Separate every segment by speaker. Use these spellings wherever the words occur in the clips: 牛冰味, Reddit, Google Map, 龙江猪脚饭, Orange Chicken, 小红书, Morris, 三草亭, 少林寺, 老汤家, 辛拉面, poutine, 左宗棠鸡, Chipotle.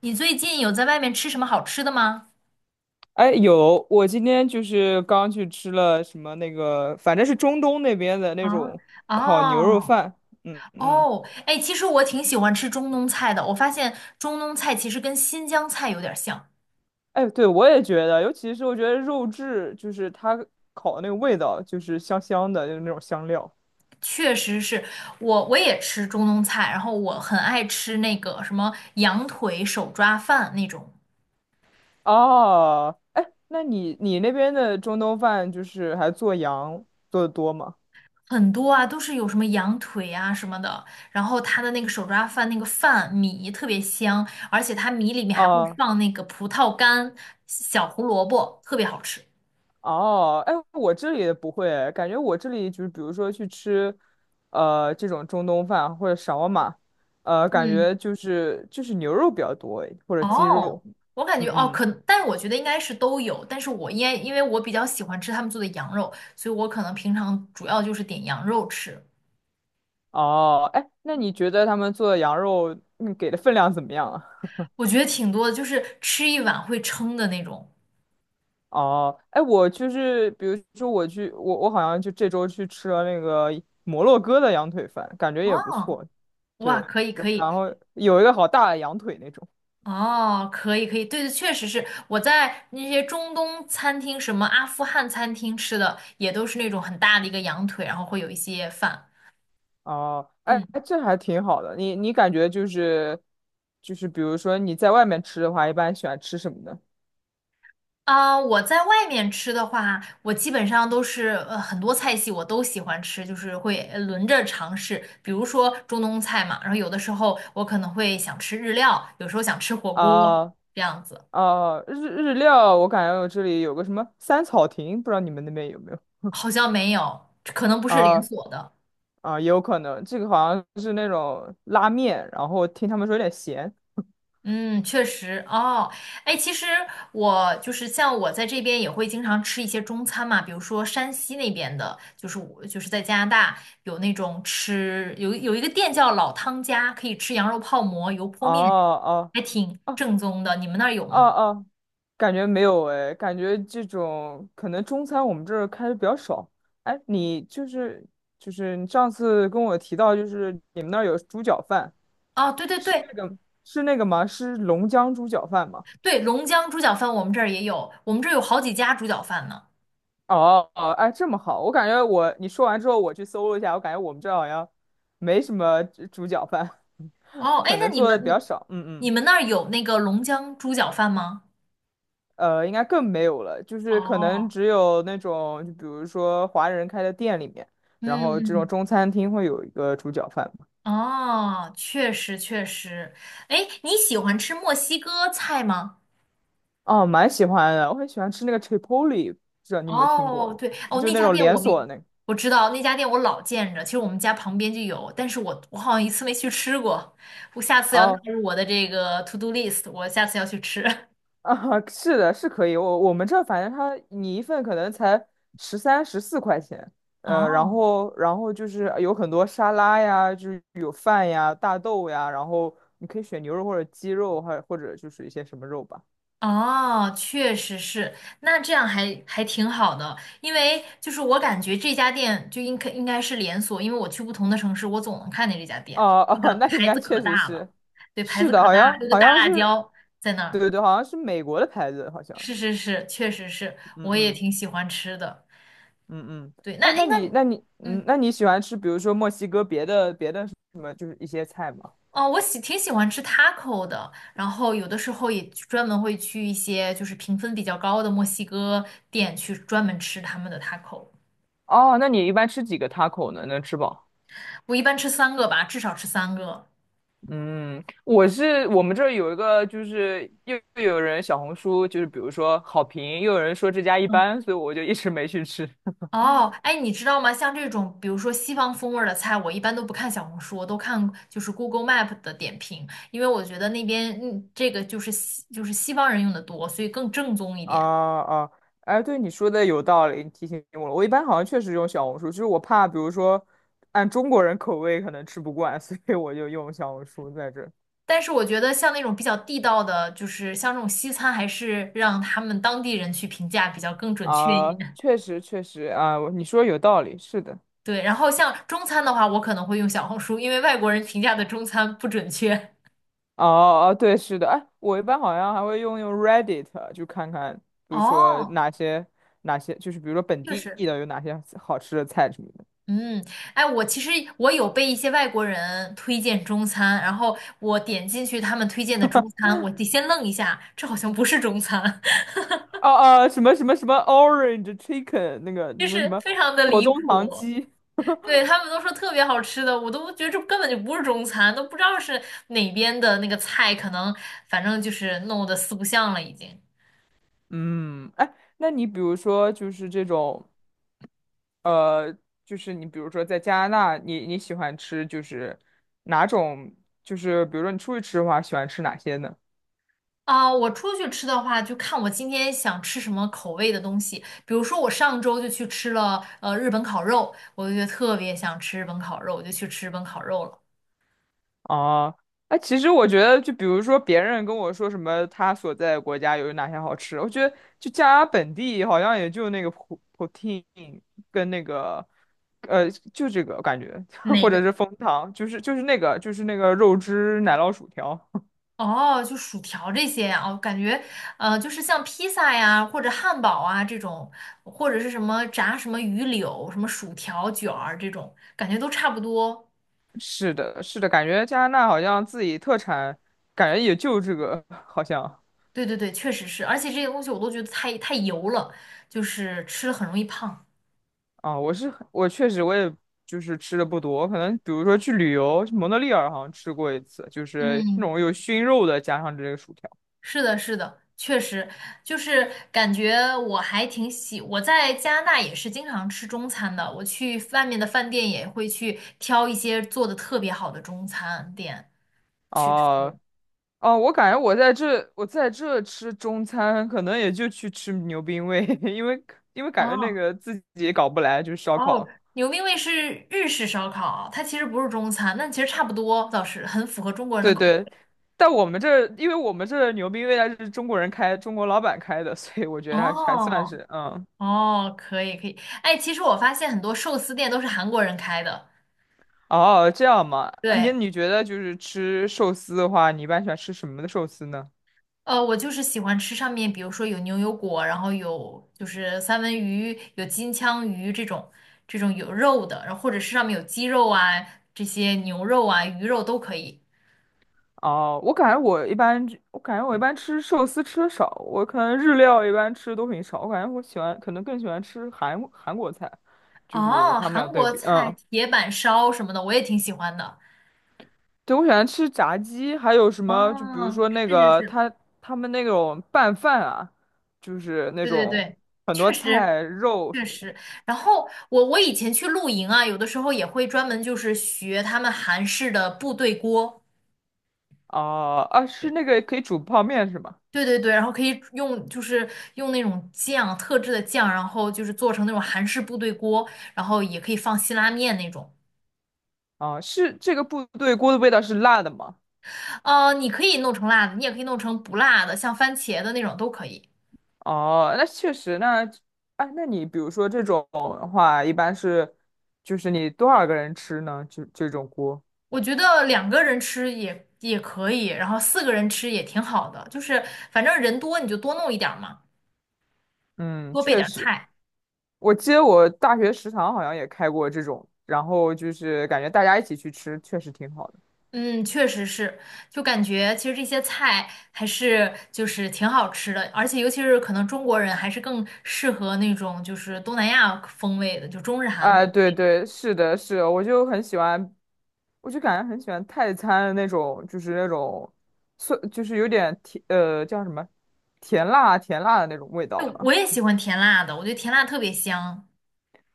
Speaker 1: 你最近有在外面吃什么好吃的吗？
Speaker 2: 哎，有，我今天就是刚去吃了什么那个，反正是中东那边的那
Speaker 1: 啊。
Speaker 2: 种烤牛肉
Speaker 1: 哦。
Speaker 2: 饭。嗯嗯，
Speaker 1: 哦。哎，其实我挺喜欢吃中东菜的。我发现中东菜其实跟新疆菜有点像。
Speaker 2: 哎，对，我也觉得，尤其是我觉得肉质，就是它烤的那个味道，就是香香的，就是那种香料。
Speaker 1: 确实是。我也吃中东菜，然后我很爱吃那个什么羊腿手抓饭那种。
Speaker 2: 哦，哎，那你那边的中东饭就是还做羊做的多吗？
Speaker 1: 很多啊，都是有什么羊腿啊什么的，然后它的那个手抓饭那个饭米特别香，而且它米里面还会
Speaker 2: 啊
Speaker 1: 放那个葡萄干、小胡萝卜，特别好吃。
Speaker 2: 哦，哎，我这里也不会，感觉我这里就是比如说去吃，这种中东饭或者沙瓦玛，感
Speaker 1: 嗯。
Speaker 2: 觉就是牛肉比较多，或者鸡
Speaker 1: 哦，
Speaker 2: 肉。
Speaker 1: 我感觉
Speaker 2: 嗯
Speaker 1: 哦，
Speaker 2: 嗯，
Speaker 1: 但是我觉得应该是都有，但是我因为我比较喜欢吃他们做的羊肉，所以我可能平常主要就是点羊肉吃。
Speaker 2: 哦，哎，那你觉得他们做的羊肉，你给的分量怎么样啊？
Speaker 1: 我觉得挺多的，就是吃一碗会撑的那种。
Speaker 2: 哦，哎，我就是比如说我去，我好像就这周去吃了那个摩洛哥的羊腿饭，感觉也不
Speaker 1: 哦，
Speaker 2: 错。
Speaker 1: 哇，
Speaker 2: 对，
Speaker 1: 可以可以。
Speaker 2: 然后有一个好大的羊腿那种。
Speaker 1: 哦，可以可以，对对。确实是我在那些中东餐厅，什么阿富汗餐厅吃的，也都是那种很大的一个羊腿，然后会有一些饭。
Speaker 2: 哦，哎，
Speaker 1: 嗯。
Speaker 2: 哎这还挺好的。你感觉就是，比如说你在外面吃的话，一般喜欢吃什么呢？
Speaker 1: 啊，我在外面吃的话，我基本上都是很多菜系我都喜欢吃，就是会轮着尝试。比如说中东菜嘛，然后有的时候我可能会想吃日料，有时候想吃火锅，
Speaker 2: 啊
Speaker 1: 这样子。
Speaker 2: 啊，日料，我感觉我这里有个什么三草亭，不知道你们那边有没有？
Speaker 1: 好像没有，可能不是连
Speaker 2: 啊
Speaker 1: 锁的。
Speaker 2: 啊，也有可能，这个好像是那种拉面，然后听他们说有点咸。
Speaker 1: 嗯，确实哦。哎，其实我就是像我在这边也会经常吃一些中餐嘛，比如说山西那边的，就是我就是在加拿大有那种吃有有一个店叫老汤家，可以吃羊肉泡馍、油泼
Speaker 2: 哦
Speaker 1: 面，
Speaker 2: 哦哦。
Speaker 1: 还挺正宗的。你们那儿有
Speaker 2: 哦
Speaker 1: 吗？
Speaker 2: 哦，感觉没有哎，感觉这种可能中餐我们这儿开的比较少。哎，你就是你上次跟我提到，就是你们那儿有猪脚饭，
Speaker 1: 哦，对对对
Speaker 2: 是那个吗？是龙江猪脚饭吗？
Speaker 1: 对，龙江猪脚饭我们这儿也有，我们这儿有好几家猪脚饭呢。
Speaker 2: 哦哦，哎，这么好，我感觉我你说完之后，我去搜了一下，我感觉我们这儿好像没什么猪脚饭，
Speaker 1: 哦，哎，
Speaker 2: 可
Speaker 1: 那
Speaker 2: 能
Speaker 1: 你
Speaker 2: 做的
Speaker 1: 们
Speaker 2: 比较
Speaker 1: 你
Speaker 2: 少。嗯
Speaker 1: 你
Speaker 2: 嗯。
Speaker 1: 们那儿有那个龙江猪脚饭吗？
Speaker 2: 应该更没有了，就是可能
Speaker 1: 哦，
Speaker 2: 只有那种，就比如说华人开的店里面，
Speaker 1: 嗯
Speaker 2: 然后这种
Speaker 1: 嗯。
Speaker 2: 中餐厅会有一个猪脚饭嘛。
Speaker 1: 哦，确实确实。哎，你喜欢吃墨西哥菜吗？
Speaker 2: 哦，蛮喜欢的，我很喜欢吃那个 Chipotle，不知道你有没有听
Speaker 1: 哦，
Speaker 2: 过？
Speaker 1: 对。哦，
Speaker 2: 就
Speaker 1: 那
Speaker 2: 那
Speaker 1: 家
Speaker 2: 种
Speaker 1: 店
Speaker 2: 连
Speaker 1: 我们
Speaker 2: 锁的那个。
Speaker 1: 我知道，那家店我老见着，其实我们家旁边就有，但是我好像一次没去吃过，我下次要纳
Speaker 2: 哦，
Speaker 1: 入我的这个 to do list，我下次要去吃。
Speaker 2: 啊，是的，是可以。我们这儿反正它你一份可能才13、14块钱，然
Speaker 1: 哦。
Speaker 2: 后然后就是有很多沙拉呀，就是有饭呀、大豆呀，然后你可以选牛肉或者鸡肉，还或者就是一些什么肉吧。
Speaker 1: 哦，确实是，那这样还挺好的，因为就是我感觉这家店就应该是连锁，因为我去不同的城市，我总能看见这家店，
Speaker 2: 哦
Speaker 1: 那
Speaker 2: 哦，
Speaker 1: 个
Speaker 2: 那应
Speaker 1: 牌子
Speaker 2: 该
Speaker 1: 可
Speaker 2: 确实
Speaker 1: 大了。
Speaker 2: 是，
Speaker 1: 对，牌
Speaker 2: 是
Speaker 1: 子
Speaker 2: 的，
Speaker 1: 可
Speaker 2: 好
Speaker 1: 大，还
Speaker 2: 像
Speaker 1: 有个
Speaker 2: 好
Speaker 1: 大
Speaker 2: 像
Speaker 1: 辣
Speaker 2: 是，
Speaker 1: 椒在那
Speaker 2: 对
Speaker 1: 儿。
Speaker 2: 对对，好像是美国的牌子，好像，
Speaker 1: 是是是，确实是，
Speaker 2: 嗯
Speaker 1: 我也
Speaker 2: 嗯
Speaker 1: 挺喜欢吃的。
Speaker 2: 嗯嗯，
Speaker 1: 对，那
Speaker 2: 哎，
Speaker 1: 诶
Speaker 2: 那
Speaker 1: 那
Speaker 2: 你
Speaker 1: 你
Speaker 2: 那你嗯，
Speaker 1: 嗯
Speaker 2: 那你喜欢吃，比如说墨西哥别的什么，就是一些菜吗？
Speaker 1: 哦，我挺喜欢吃 taco 的，然后有的时候也去专门会去一些就是评分比较高的墨西哥店去专门吃他们的 taco。
Speaker 2: 哦，那你一般吃几个 taco 呢？能吃饱？
Speaker 1: 我一般吃三个吧，至少吃三个。
Speaker 2: 嗯，我是我们这儿有一个，就是又有人小红书，就是比如说好评，又有人说这家一
Speaker 1: 嗯。
Speaker 2: 般，所以我就一直没去吃。
Speaker 1: 哦，哎，你知道吗？像这种，比如说西方风味儿的菜，我一般都不看小红书，我都看就是 Google Map 的点评，因为我觉得那边这个就是就是西方人用的多，所以更正宗一
Speaker 2: 啊
Speaker 1: 点。
Speaker 2: 啊，哎，对你说的有道理，你提醒我了。我一般好像确实用小红书，就是我怕，比如说按中国人口味可能吃不惯，所以我就用小红书在这
Speaker 1: 但是我觉得像那种比较地道的，就是像这种西餐，还是让他们当地人去评价比较更准确
Speaker 2: 啊，
Speaker 1: 一点。
Speaker 2: 确实确实啊，你说有道理，是的。
Speaker 1: 对，然后像中餐的话，我可能会用小红书，因为外国人评价的中餐不准确。
Speaker 2: 哦哦，对，是的。哎，我一般好像还会用 Reddit，就看看，比如说
Speaker 1: 哦，
Speaker 2: 哪些，就是比如说本
Speaker 1: 确
Speaker 2: 地
Speaker 1: 实。
Speaker 2: 的有哪些好吃的菜什么的。
Speaker 1: 嗯，哎，我其实有被一些外国人推荐中餐，然后我点进去他们推荐的中餐，我得先愣一下，这好像不是中餐。
Speaker 2: 哦哦，什么 Orange Chicken 那个 那
Speaker 1: 就
Speaker 2: 个什
Speaker 1: 是
Speaker 2: 么
Speaker 1: 非常的
Speaker 2: 左
Speaker 1: 离
Speaker 2: 宗棠
Speaker 1: 谱。
Speaker 2: 鸡。
Speaker 1: 对，他们都说特别好吃的，我都觉得这根本就不是中餐，都不知道是哪边的那个菜，可能反正就是弄得四不像了已经。
Speaker 2: 嗯，哎，那你比如说就是这种，呃，就是你比如说在加拿大，你喜欢吃就是哪种，就是比如说你出去吃的话，喜欢吃哪些呢？
Speaker 1: 啊，我出去吃的话，就看我今天想吃什么口味的东西。比如说，我上周就去吃了日本烤肉，我就觉得特别想吃日本烤肉，我就去吃日本烤肉了。
Speaker 2: 哦，哎，其实我觉得，就比如说别人跟我说什么他所在的国家有哪些好吃，我觉得就加拿大本地好像也就那个 poutine 跟那个，就这个感觉，
Speaker 1: 哪
Speaker 2: 或者
Speaker 1: 个？
Speaker 2: 是枫糖，那个肉汁奶酪薯条。
Speaker 1: 哦，就薯条这些啊。我感觉就是像披萨呀，或者汉堡啊这种，或者是什么炸什么鱼柳、什么薯条卷儿这种，感觉都差不多。
Speaker 2: 是的，是的，感觉加拿大好像自己特产，感觉也就这个，好像
Speaker 1: 对对对，确实是，而且这些东西我都觉得太油了，就是吃了很容易胖。
Speaker 2: 啊，我确实就是吃的不多，可能比如说去旅游，去蒙特利尔好像吃过一次，就是那
Speaker 1: 嗯。
Speaker 2: 种有熏肉的，加上这个薯条。
Speaker 1: 是的，是的，确实。就是感觉我还挺喜，我在加拿大也是经常吃中餐的，我去外面的饭店也会去挑一些做的特别好的中餐店去吃。
Speaker 2: 哦哦，我感觉我在这吃中餐，可能也就去吃牛冰味，因为感觉那
Speaker 1: 哦
Speaker 2: 个自己也搞不来，就是烧
Speaker 1: 哦，
Speaker 2: 烤。
Speaker 1: 牛冰味是日式烧烤，它其实不是中餐，但其实差不多，倒是很符合中国人的
Speaker 2: 对
Speaker 1: 口
Speaker 2: 对，但我们这儿，因为我们这儿牛逼未来是中国人开，中国老板开的，所以我觉
Speaker 1: 味。
Speaker 2: 得还是还算
Speaker 1: 哦
Speaker 2: 是，
Speaker 1: 哦，可以可以。哎，其实我发现很多寿司店都是韩国人开的，
Speaker 2: 哦，这样嘛，啊你
Speaker 1: 对。
Speaker 2: 你觉得就是吃寿司的话，你一般喜欢吃什么的寿司呢？
Speaker 1: 我就是喜欢吃上面，比如说有牛油果，然后有就是三文鱼，有金枪鱼这种有肉的，然后或者是上面有鸡肉啊，这些牛肉啊、鱼肉都可以。
Speaker 2: 哦，我感觉我一般吃寿司吃的少，我可能日料一般吃的都很少，我感觉我喜欢，可能更喜欢吃韩国菜，就是
Speaker 1: 哦，
Speaker 2: 他们
Speaker 1: 韩
Speaker 2: 俩对
Speaker 1: 国
Speaker 2: 比，
Speaker 1: 菜
Speaker 2: 嗯。
Speaker 1: 铁板烧什么的，我也挺喜欢的。
Speaker 2: 对，我喜欢吃炸鸡，还有什么？就比如
Speaker 1: 哦，
Speaker 2: 说那
Speaker 1: 是是
Speaker 2: 个
Speaker 1: 是，
Speaker 2: 他们那种拌饭啊，就是那
Speaker 1: 对对
Speaker 2: 种
Speaker 1: 对，
Speaker 2: 很多
Speaker 1: 确实
Speaker 2: 菜肉
Speaker 1: 确
Speaker 2: 什么的。
Speaker 1: 实。然后我以前去露营啊，有的时候也会专门就是学他们韩式的部队锅。
Speaker 2: 哦、啊，是那个可以煮泡面是吗？
Speaker 1: 对对对，然后可以用就是用那种酱，特制的酱，然后就是做成那种韩式部队锅，然后也可以放辛拉面那种。
Speaker 2: 哦、是这个部队锅的味道是辣的吗？
Speaker 1: 你可以弄成辣的，你也可以弄成不辣的，像番茄的那种都可以。
Speaker 2: 哦、那确实，那哎，那你比如说这种的话，一般就是你多少个人吃呢？就这种锅，
Speaker 1: 我觉得两个人吃也可以，然后四个人吃也挺好的，就是反正人多你就多弄一点儿嘛，
Speaker 2: 嗯，
Speaker 1: 多备
Speaker 2: 确
Speaker 1: 点儿
Speaker 2: 实。
Speaker 1: 菜。
Speaker 2: 我记得我大学食堂好像也开过这种，然后就是感觉大家一起去吃，确实挺好的。
Speaker 1: 嗯，确实是。就感觉其实这些菜还是就是挺好吃的，而且尤其是可能中国人还是更适合那种就是东南亚风味的，就中日韩。
Speaker 2: 哎，对对，是的，是的我就很喜欢，我就感觉很喜欢泰餐的那种，就是那种酸，就是有点甜，叫什么，甜辣甜辣的那种味道
Speaker 1: 就我
Speaker 2: 吧。
Speaker 1: 也喜欢甜辣的，我觉得甜辣特别香。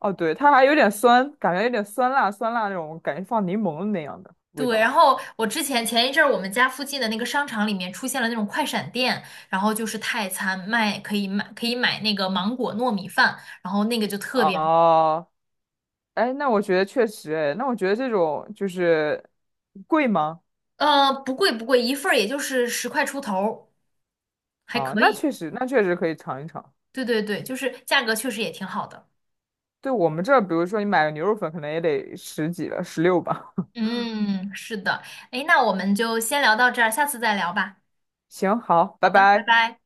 Speaker 2: 哦，对，它还有点酸，感觉有点酸辣酸辣那种，感觉放柠檬那样的味
Speaker 1: 对，然
Speaker 2: 道。
Speaker 1: 后我前一阵儿我们家附近的那个商场里面出现了那种快闪店，然后就是泰餐卖可以买可以买那个芒果糯米饭，然后那个就特别
Speaker 2: 哦，哎，那我觉得确实，哎，那我觉得这种就是贵吗？
Speaker 1: 不贵不贵，一份儿也就是10块出头儿，还
Speaker 2: 啊，
Speaker 1: 可
Speaker 2: 那
Speaker 1: 以。
Speaker 2: 确实，那确实可以尝一尝。
Speaker 1: 对对对，就是价格确实也挺好的。
Speaker 2: 对我们这儿，比如说你买个牛肉粉，可能也得十几了，16吧。
Speaker 1: 嗯，是的。诶，那我们就先聊到这儿，下次再聊吧。
Speaker 2: 行，好，
Speaker 1: 好
Speaker 2: 拜
Speaker 1: 的，拜
Speaker 2: 拜。
Speaker 1: 拜。